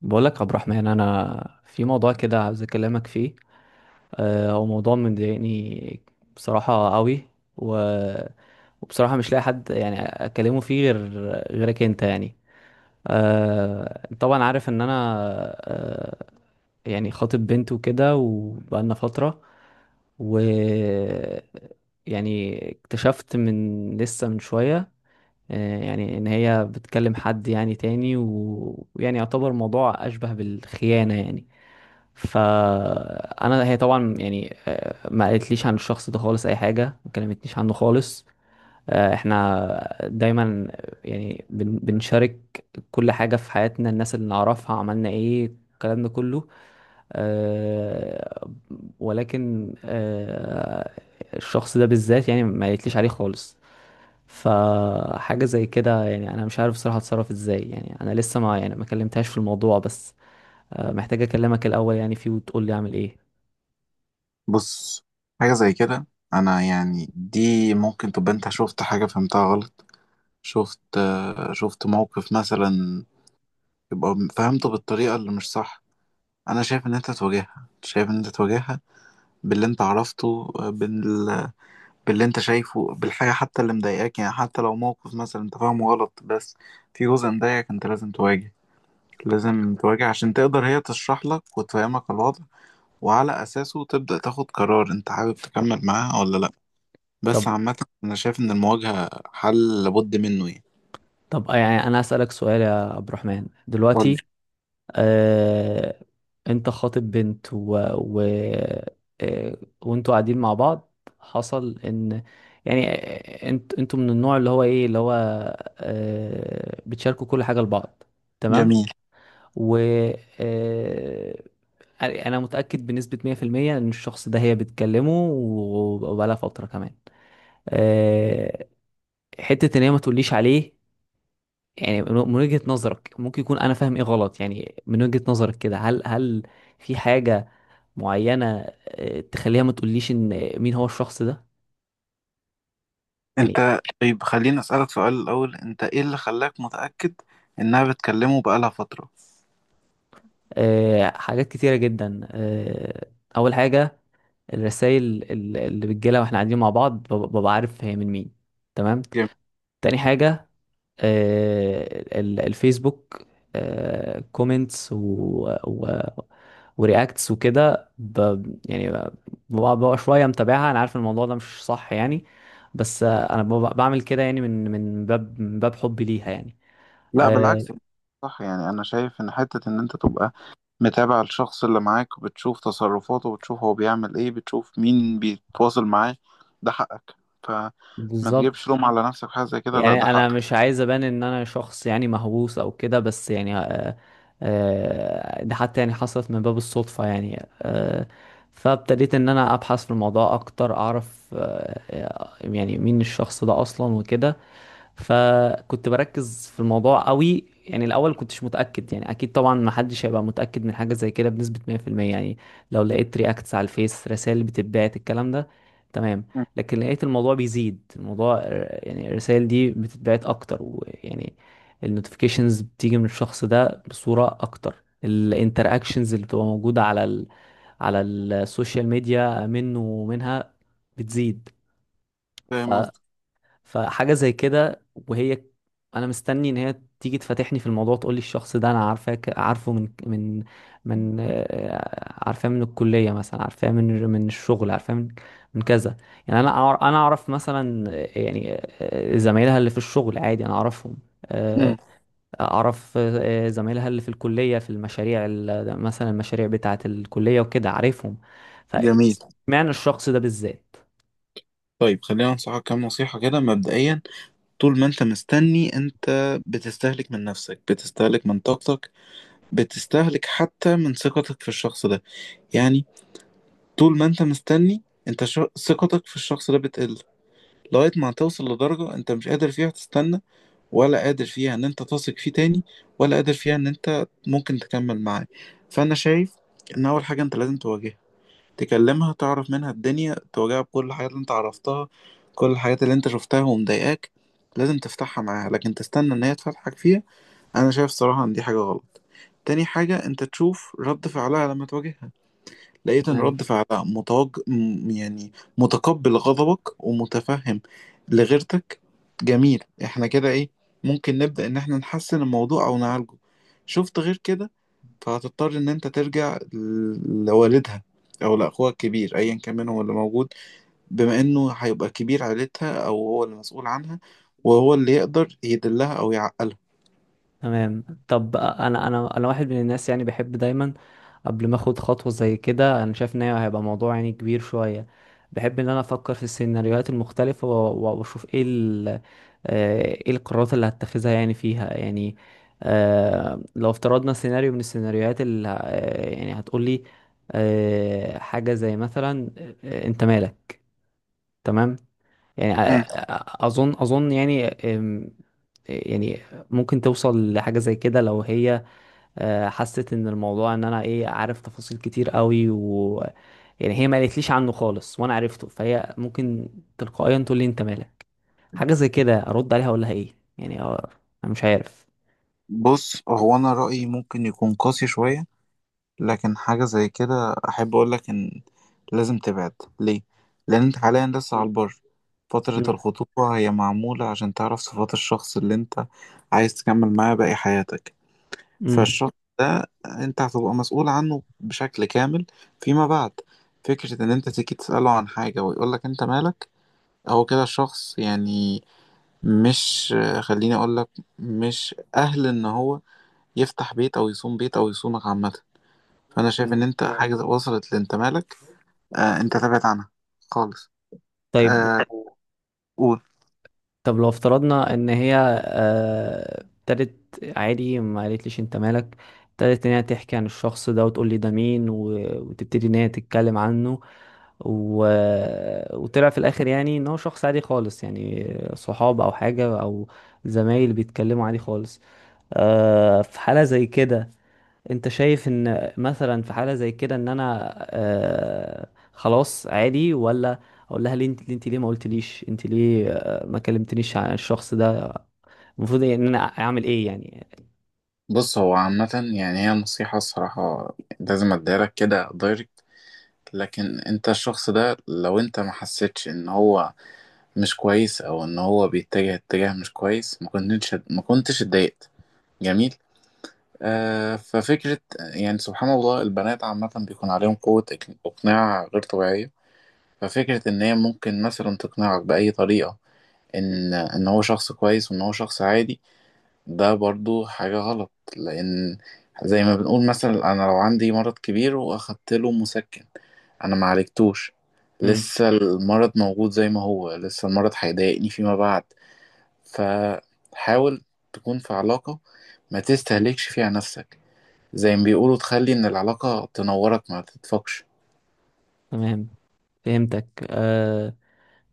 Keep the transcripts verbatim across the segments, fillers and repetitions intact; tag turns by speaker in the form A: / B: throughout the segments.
A: بقولك يا عبد الرحمن انا في موضوع كده عاوز اكلمك فيه. آه، هو موضوع مضايقني بصراحه قوي. و... وبصراحه مش لاقي حد يعني اكلمه فيه غير غيرك انت يعني. آه، أنت طبعا عارف ان انا آه، يعني خاطب بنت وكده وبقالنا فتره. و يعني اكتشفت من لسه من شويه آه، يعني ان هي بتكلم حد يعني تاني و- ويعني يعتبر موضوع اشبه بالخيانة يعني. فانا هي طبعا يعني آه، ما قالتليش عن الشخص ده خالص اي حاجة، ما كلمتنيش عنه خالص. آه، احنا دايما يعني بن- بنشارك كل حاجة في حياتنا، الناس اللي نعرفها، عملنا ايه، الكلام ده كله. آه، ولكن آه، الشخص ده بالذات يعني ما قالتليش عليه خالص. فحاجة زي كده يعني أنا مش عارف بصراحة أتصرف إزاي. يعني أنا لسه ما يعني ما كلمتهاش في الموضوع، بس آه، محتاج أكلمك الأول يعني فيه، وتقول لي أعمل إيه.
B: بص، حاجة زي كده. أنا يعني دي ممكن تبقى أنت شفت حاجة فهمتها غلط. شفت آه، شفت موقف مثلا، يبقى فهمته بالطريقة اللي مش صح. أنا شايف إن أنت تواجهها شايف إن أنت تواجهها باللي أنت عرفته، آه، بال... باللي أنت شايفه، بالحاجة حتى اللي مضايقاك. يعني حتى لو موقف مثلا أنت فاهمه غلط، بس في جزء مضايقك أنت لازم تواجه لازم تواجه عشان تقدر هي تشرح لك وتفهمك الوضع، وعلى أساسه تبدأ تاخد قرار أنت حابب تكمل معاها ولا لأ. بس
A: طب
B: عامة أنا شايف إن المواجهة حل لابد منه يعني.
A: طب آه، يعني أنا أسألك سؤال يا عبد الرحمن
B: قول لي.
A: دلوقتي. آه، أنت خاطب بنت و... و... آه، وأنتوا قاعدين مع بعض. حصل إن يعني آه، أنت أنتوا من النوع اللي هو إيه، اللي هو آه، بتشاركوا كل حاجة لبعض، تمام.
B: جميل.
A: و آه، انا متاكد بنسبه مية في المية ان الشخص ده هي بتكلمه و- وبقالها فتره كمان. أه، حته ان هي ما تقوليش عليه. يعني من من وجهه نظرك ممكن يكون انا فاهم ايه غلط؟ يعني من وجهه نظرك كده، هل هل في حاجه معينه آه، تخليها ما تقوليش ان مين هو الشخص ده؟ يعني
B: انت طيب، خليني اسألك سؤال الأول، انت ايه اللي خلاك متأكد انها بتكلمه بقالها فترة؟
A: أه، حاجات كتيره جدا. أه، اول حاجه الرسائل اللي بتجيلها واحنا قاعدين مع بعض، ببقى ببقى عارف هي من مين، تمام.
B: جميل.
A: تاني حاجه آه، ال- الفيسبوك، كومنتس و و ورياكتس وكده ب... يعني ب- ببقى ببقى شويه متابعها. انا عارف إن الموضوع ده مش صح يعني، بس آه، انا ببقى بعمل كده يعني من من باب من باب حبي ليها يعني.
B: لا
A: آه،
B: بالعكس. صح، يعني انا شايف ان حتة ان انت تبقى متابع الشخص اللي معاك وبتشوف تصرفاته وبتشوف هو بيعمل ايه، بتشوف مين بيتواصل معاه، ده حقك. فما
A: بالظبط.
B: تجيبش لوم على نفسك في حاجة زي كده، لا
A: يعني
B: ده
A: انا
B: حقك.
A: مش عايز ابان ان انا شخص يعني مهووس او كده، بس يعني آه، آه، ده حتى يعني حصلت من باب الصدفة يعني. آه، فابتديت ان انا ابحث في الموضوع اكتر، اعرف آه، يعني مين الشخص ده اصلا وكده. فكنت بركز في الموضوع قوي يعني. الاول كنتش متاكد يعني، اكيد طبعا ما حدش هيبقى متاكد من حاجه زي كده بنسبه مية في المية يعني، لو لقيت رياكتس على الفيس، رسائل بتتبعت، الكلام ده، تمام.
B: مم.
A: لكن لقيت الموضوع بيزيد، الموضوع آه، يعني الرسائل دي بتتبعت اكتر، ويعني النوتيفيكيشنز بتيجي من الشخص ده بصوره اكتر، الانتراكشنز اللي بتبقى موجوده على ال على السوشيال ميديا منه ومنها بتزيد.
B: فاهم قصدك.
A: فحاجة زي كده، وهي انا مستني ان هي تيجي تفتحني في الموضوع، تقول لي الشخص ده انا عارفاك عارفه من من من آه، عارفاه من الكلية مثلا، عارفاه من من الشغل، عارفاه من من كذا. يعني انا أعر- انا اعرف مثلا آه، يعني آه، زمايلها اللي في الشغل عادي انا اعرفهم. آه،
B: امم.
A: اعرف آه، آه، زمايلها اللي في الكلية في المشاريع ال- مثلا المشاريع بتاعة الكلية وكده عارفهم.
B: جميل.
A: فمعنى الشخص ده بالذات.
B: طيب خلينا أنصحك كام نصيحة كده مبدئيا. طول ما انت مستني، انت بتستهلك من نفسك، بتستهلك من طاقتك، بتستهلك حتى من ثقتك في الشخص ده. يعني طول ما انت مستني، انت ش... ثقتك في الشخص ده بتقل لغاية ما توصل لدرجة انت مش قادر فيها تستنى، ولا قادر فيها ان انت تثق فيه تاني، ولا قادر فيها ان انت ممكن تكمل معاه. فانا شايف ان اول حاجة انت لازم تواجهها، تكلمها، تعرف منها الدنيا، تواجهها بكل الحاجات اللي انت عرفتها، كل الحاجات اللي انت شفتها ومضايقاك. لازم تفتحها معاها، لكن تستنى ان هي تفتحك فيها. انا شايف صراحة ان دي حاجة غلط. تاني حاجة، انت تشوف رد فعلها لما تواجهها. لقيت ان رد فعلها متوج... م- يعني متقبل غضبك ومتفهم لغيرتك. جميل، احنا كده ايه، ممكن نبدأ ان احنا نحسن الموضوع او نعالجه. شفت غير كده، فهتضطر ان انت ترجع ل- لوالدها او لاخوها الكبير، ايا كان منهم اللي موجود، بما انه هيبقى كبير عيلتها او هو اللي مسؤول عنها، وهو اللي يقدر يدلها او يعقلها.
A: تمام. طب انا انا انا واحد من الناس يعني بحب دايما قبل ما اخد خطوه زي كده، انا شايف ان هي هيبقى موضوع يعني كبير شويه، بحب ان انا افكر في السيناريوهات المختلفه و- و- واشوف ايه ال آه، ايه القرارات اللي هتخذها يعني فيها يعني. آه، لو افترضنا سيناريو من السيناريوهات اللي ه- آه، يعني هتقولي آه، حاجه زي مثلا آه، انت مالك، تمام. يعني أ-
B: مم.
A: أ- اظن اظن يعني أم، يعني ممكن توصل لحاجة زي كده لو هي آه، حست ان الموضوع ان انا ايه، عارف تفاصيل كتير قوي، و يعني هي ما قالتليش عنه خالص وانا عرفته، فهي ممكن تلقائيا تقول لي انت مالك. حاجة زي كده ارد عليها اقول لها ايه يعني؟ آه، انا مش عارف.
B: بص، هو انا رأيي ممكن يكون قاسي شوية لكن حاجة زي كده احب اقول لك ان لازم تبعد. ليه؟ لان انت حاليا لسه على البر. فترة
A: مم.
B: الخطوبة هي معمولة عشان تعرف صفات الشخص اللي انت عايز تكمل معاه باقي حياتك.
A: مم.
B: فالشط ده انت هتبقى مسؤول عنه بشكل كامل فيما بعد. فكرة ان انت تيجي تسأله عن حاجة ويقولك انت مالك، هو كده الشخص يعني مش خليني اقولك، مش اهل ان هو يفتح بيت او يصوم بيت او يصومك عامة. فانا شايف ان انت مم. حاجة وصلت لانت مالك، آه انت تبعد عنها خالص.
A: طيب.
B: آه، قول.
A: طب لو افترضنا ان هي آه، ابتدت عادي ما قالتليش انت مالك، ابتدت ان هي تحكي عن الشخص ده وتقول لي ده مين و- وتبتدي ان هي تتكلم عنه. و... وطلع في الاخر يعني ان هو شخص عادي خالص يعني صحاب او حاجة او زمايل بيتكلموا عادي خالص. آه، في حالة زي كده، انت شايف ان مثلا في حالة زي كده ان انا آه خلاص عادي، ولا اقول لها ليه انت ليه, انت ليه ما قلتليش، انت ليه آه ما كلمتنيش عن الشخص ده؟ المفروض ان انا اعمل ايه يعني؟
B: بص، هو عامة يعني هي نصيحة الصراحة لازم اديها لك كده دايركت. لكن انت الشخص ده لو انت ما حسيتش ان هو مش كويس او ان هو بيتجه اتجاه مش كويس، ما كنتش ما كنتش اتضايقت. جميل. آه ففكرة يعني سبحان الله البنات عامة بيكون عليهم قوة اك- اقناع غير طبيعية. ففكرة ان هي ممكن مثلا تقنعك بأي طريقة ان ان هو شخص كويس وان هو شخص عادي، ده برضو حاجة غلط. لأن زي ما بنقول، مثلا أنا لو عندي مرض كبير وأخدت له مسكن، أنا ما عالجتوش،
A: امم.
B: لسه المرض موجود زي ما هو، لسه المرض هيضايقني فيما بعد. فحاول تكون في علاقة ما تستهلكش فيها نفسك، زي ما بيقولوا تخلي إن العلاقة تنورك ما تدفقش.
A: تمام، فهمتك آه.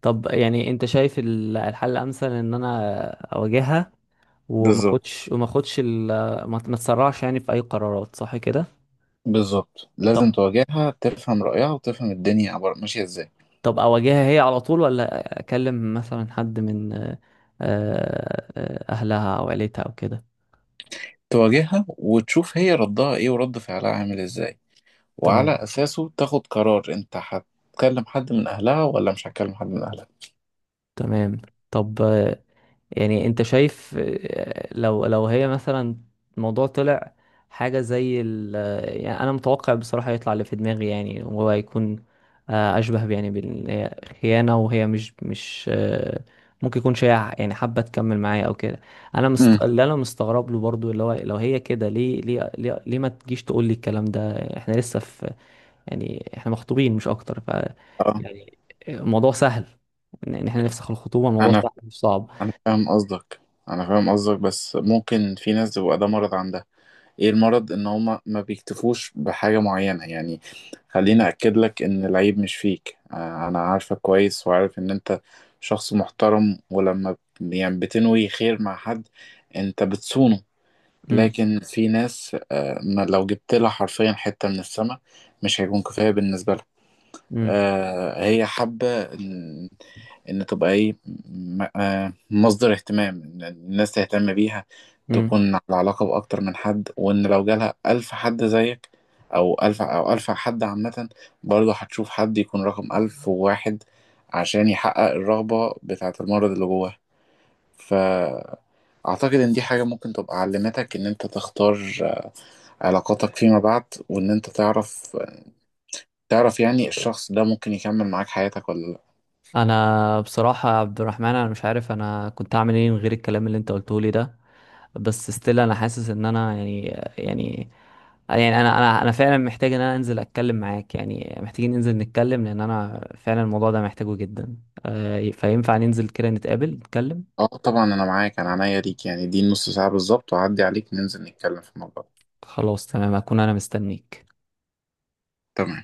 A: طب يعني انت شايف ال- الحل الامثل ان انا اواجهها، وما
B: بالظبط.
A: اخدش وما اخدش ال- ما ما تسرعش يعني في اي قرارات، صح كده؟
B: بالظبط لازم
A: طب
B: تواجهها، تفهم رأيها وتفهم الدنيا عبارة ماشية إزاي.
A: طب اواجهها هي على طول، ولا اكلم مثلا حد من آه، آه، اهلها او عيلتها او كده؟
B: تواجهها وتشوف هي ردها إيه ورد فعلها عامل إزاي، وعلى
A: تمام.
B: أساسه تاخد قرار أنت هتكلم حد من أهلها ولا مش هتكلم حد من أهلها.
A: تمام. طب يعني انت شايف آه، لو لو هي مثلا الموضوع طلع حاجة زي ال آه، يعني انا متوقع بصراحة يطلع اللي في دماغي يعني، وهو هيكون آه، اشبه ب- يعني بالخيانة، وهي مش مش آه، ممكن يكون شيء يعني حابة تكمل معايا او كده. انا
B: امم.
A: مست... اللي انا مستغرب له برضو اللي هو، لو هي كده ليه ليه ليه, ليه ما تجيش تقول لي الكلام ده؟ احنا لسه في يعني، احنا مخطوبين مش اكتر، ف
B: اه.
A: يعني الموضوع سهل، ان إن احنا نفسخ الخطوبة الموضوع
B: أنا
A: سهل مش صعب.
B: أنا فاهم قصدك أنا فاهم قصدك بس ممكن في ناس بيبقى ده مرض عندها. إيه المرض؟ إن هما ما بيكتفوش بحاجة معينة يعني. خليني أكد لك إن العيب مش فيك. آه، أنا عارفك كويس وعارف إن أنت شخص محترم، ولما ب- يعني بتنوي خير مع حد أنت بتصونه. لكن في ناس، آه، ما لو جبت لها حرفيا حتة من السماء مش هيكون كفاية بالنسبة لها.
A: امم
B: آه، هي حابة إن إن تبقى إيه، م- آه، مصدر اهتمام، إن الناس تهتم بيها،
A: امم
B: تكون على علاقة بأكتر من حد، وإن لو جالها ألف حد زيك أو ألف أو ألف حد عامة برضه هتشوف حد يكون رقم ألف وواحد عشان يحقق الرغبة بتاعة المرض اللي جواه. ف أعتقد إن دي حاجة ممكن تبقى علمتك إن أنت تختار علاقاتك فيما بعد، وان انت تعرف، تعرف يعني الشخص ده ممكن يكمل معاك حياتك ولا لا.
A: انا بصراحه يا عبد الرحمن انا مش عارف انا كنت اعمل ايه من غير الكلام اللي انت قلته لي ده، بس ستيل انا حاسس ان انا يعني، يعني، يعني انا انا انا فعلا محتاج ان انا انزل اتكلم معاك، يعني محتاجين ننزل نتكلم، لان انا فعلا الموضوع ده محتاجه جدا. آه، فينفع ننزل كده نتقابل نتكلم؟
B: اه طبعا انا معاك، انا عينيا ليك يعني، دي نص ساعة بالظبط وعدي عليك ننزل نتكلم في الموضوع ده.
A: خلاص تمام، هكون انا مستنيك.
B: تمام.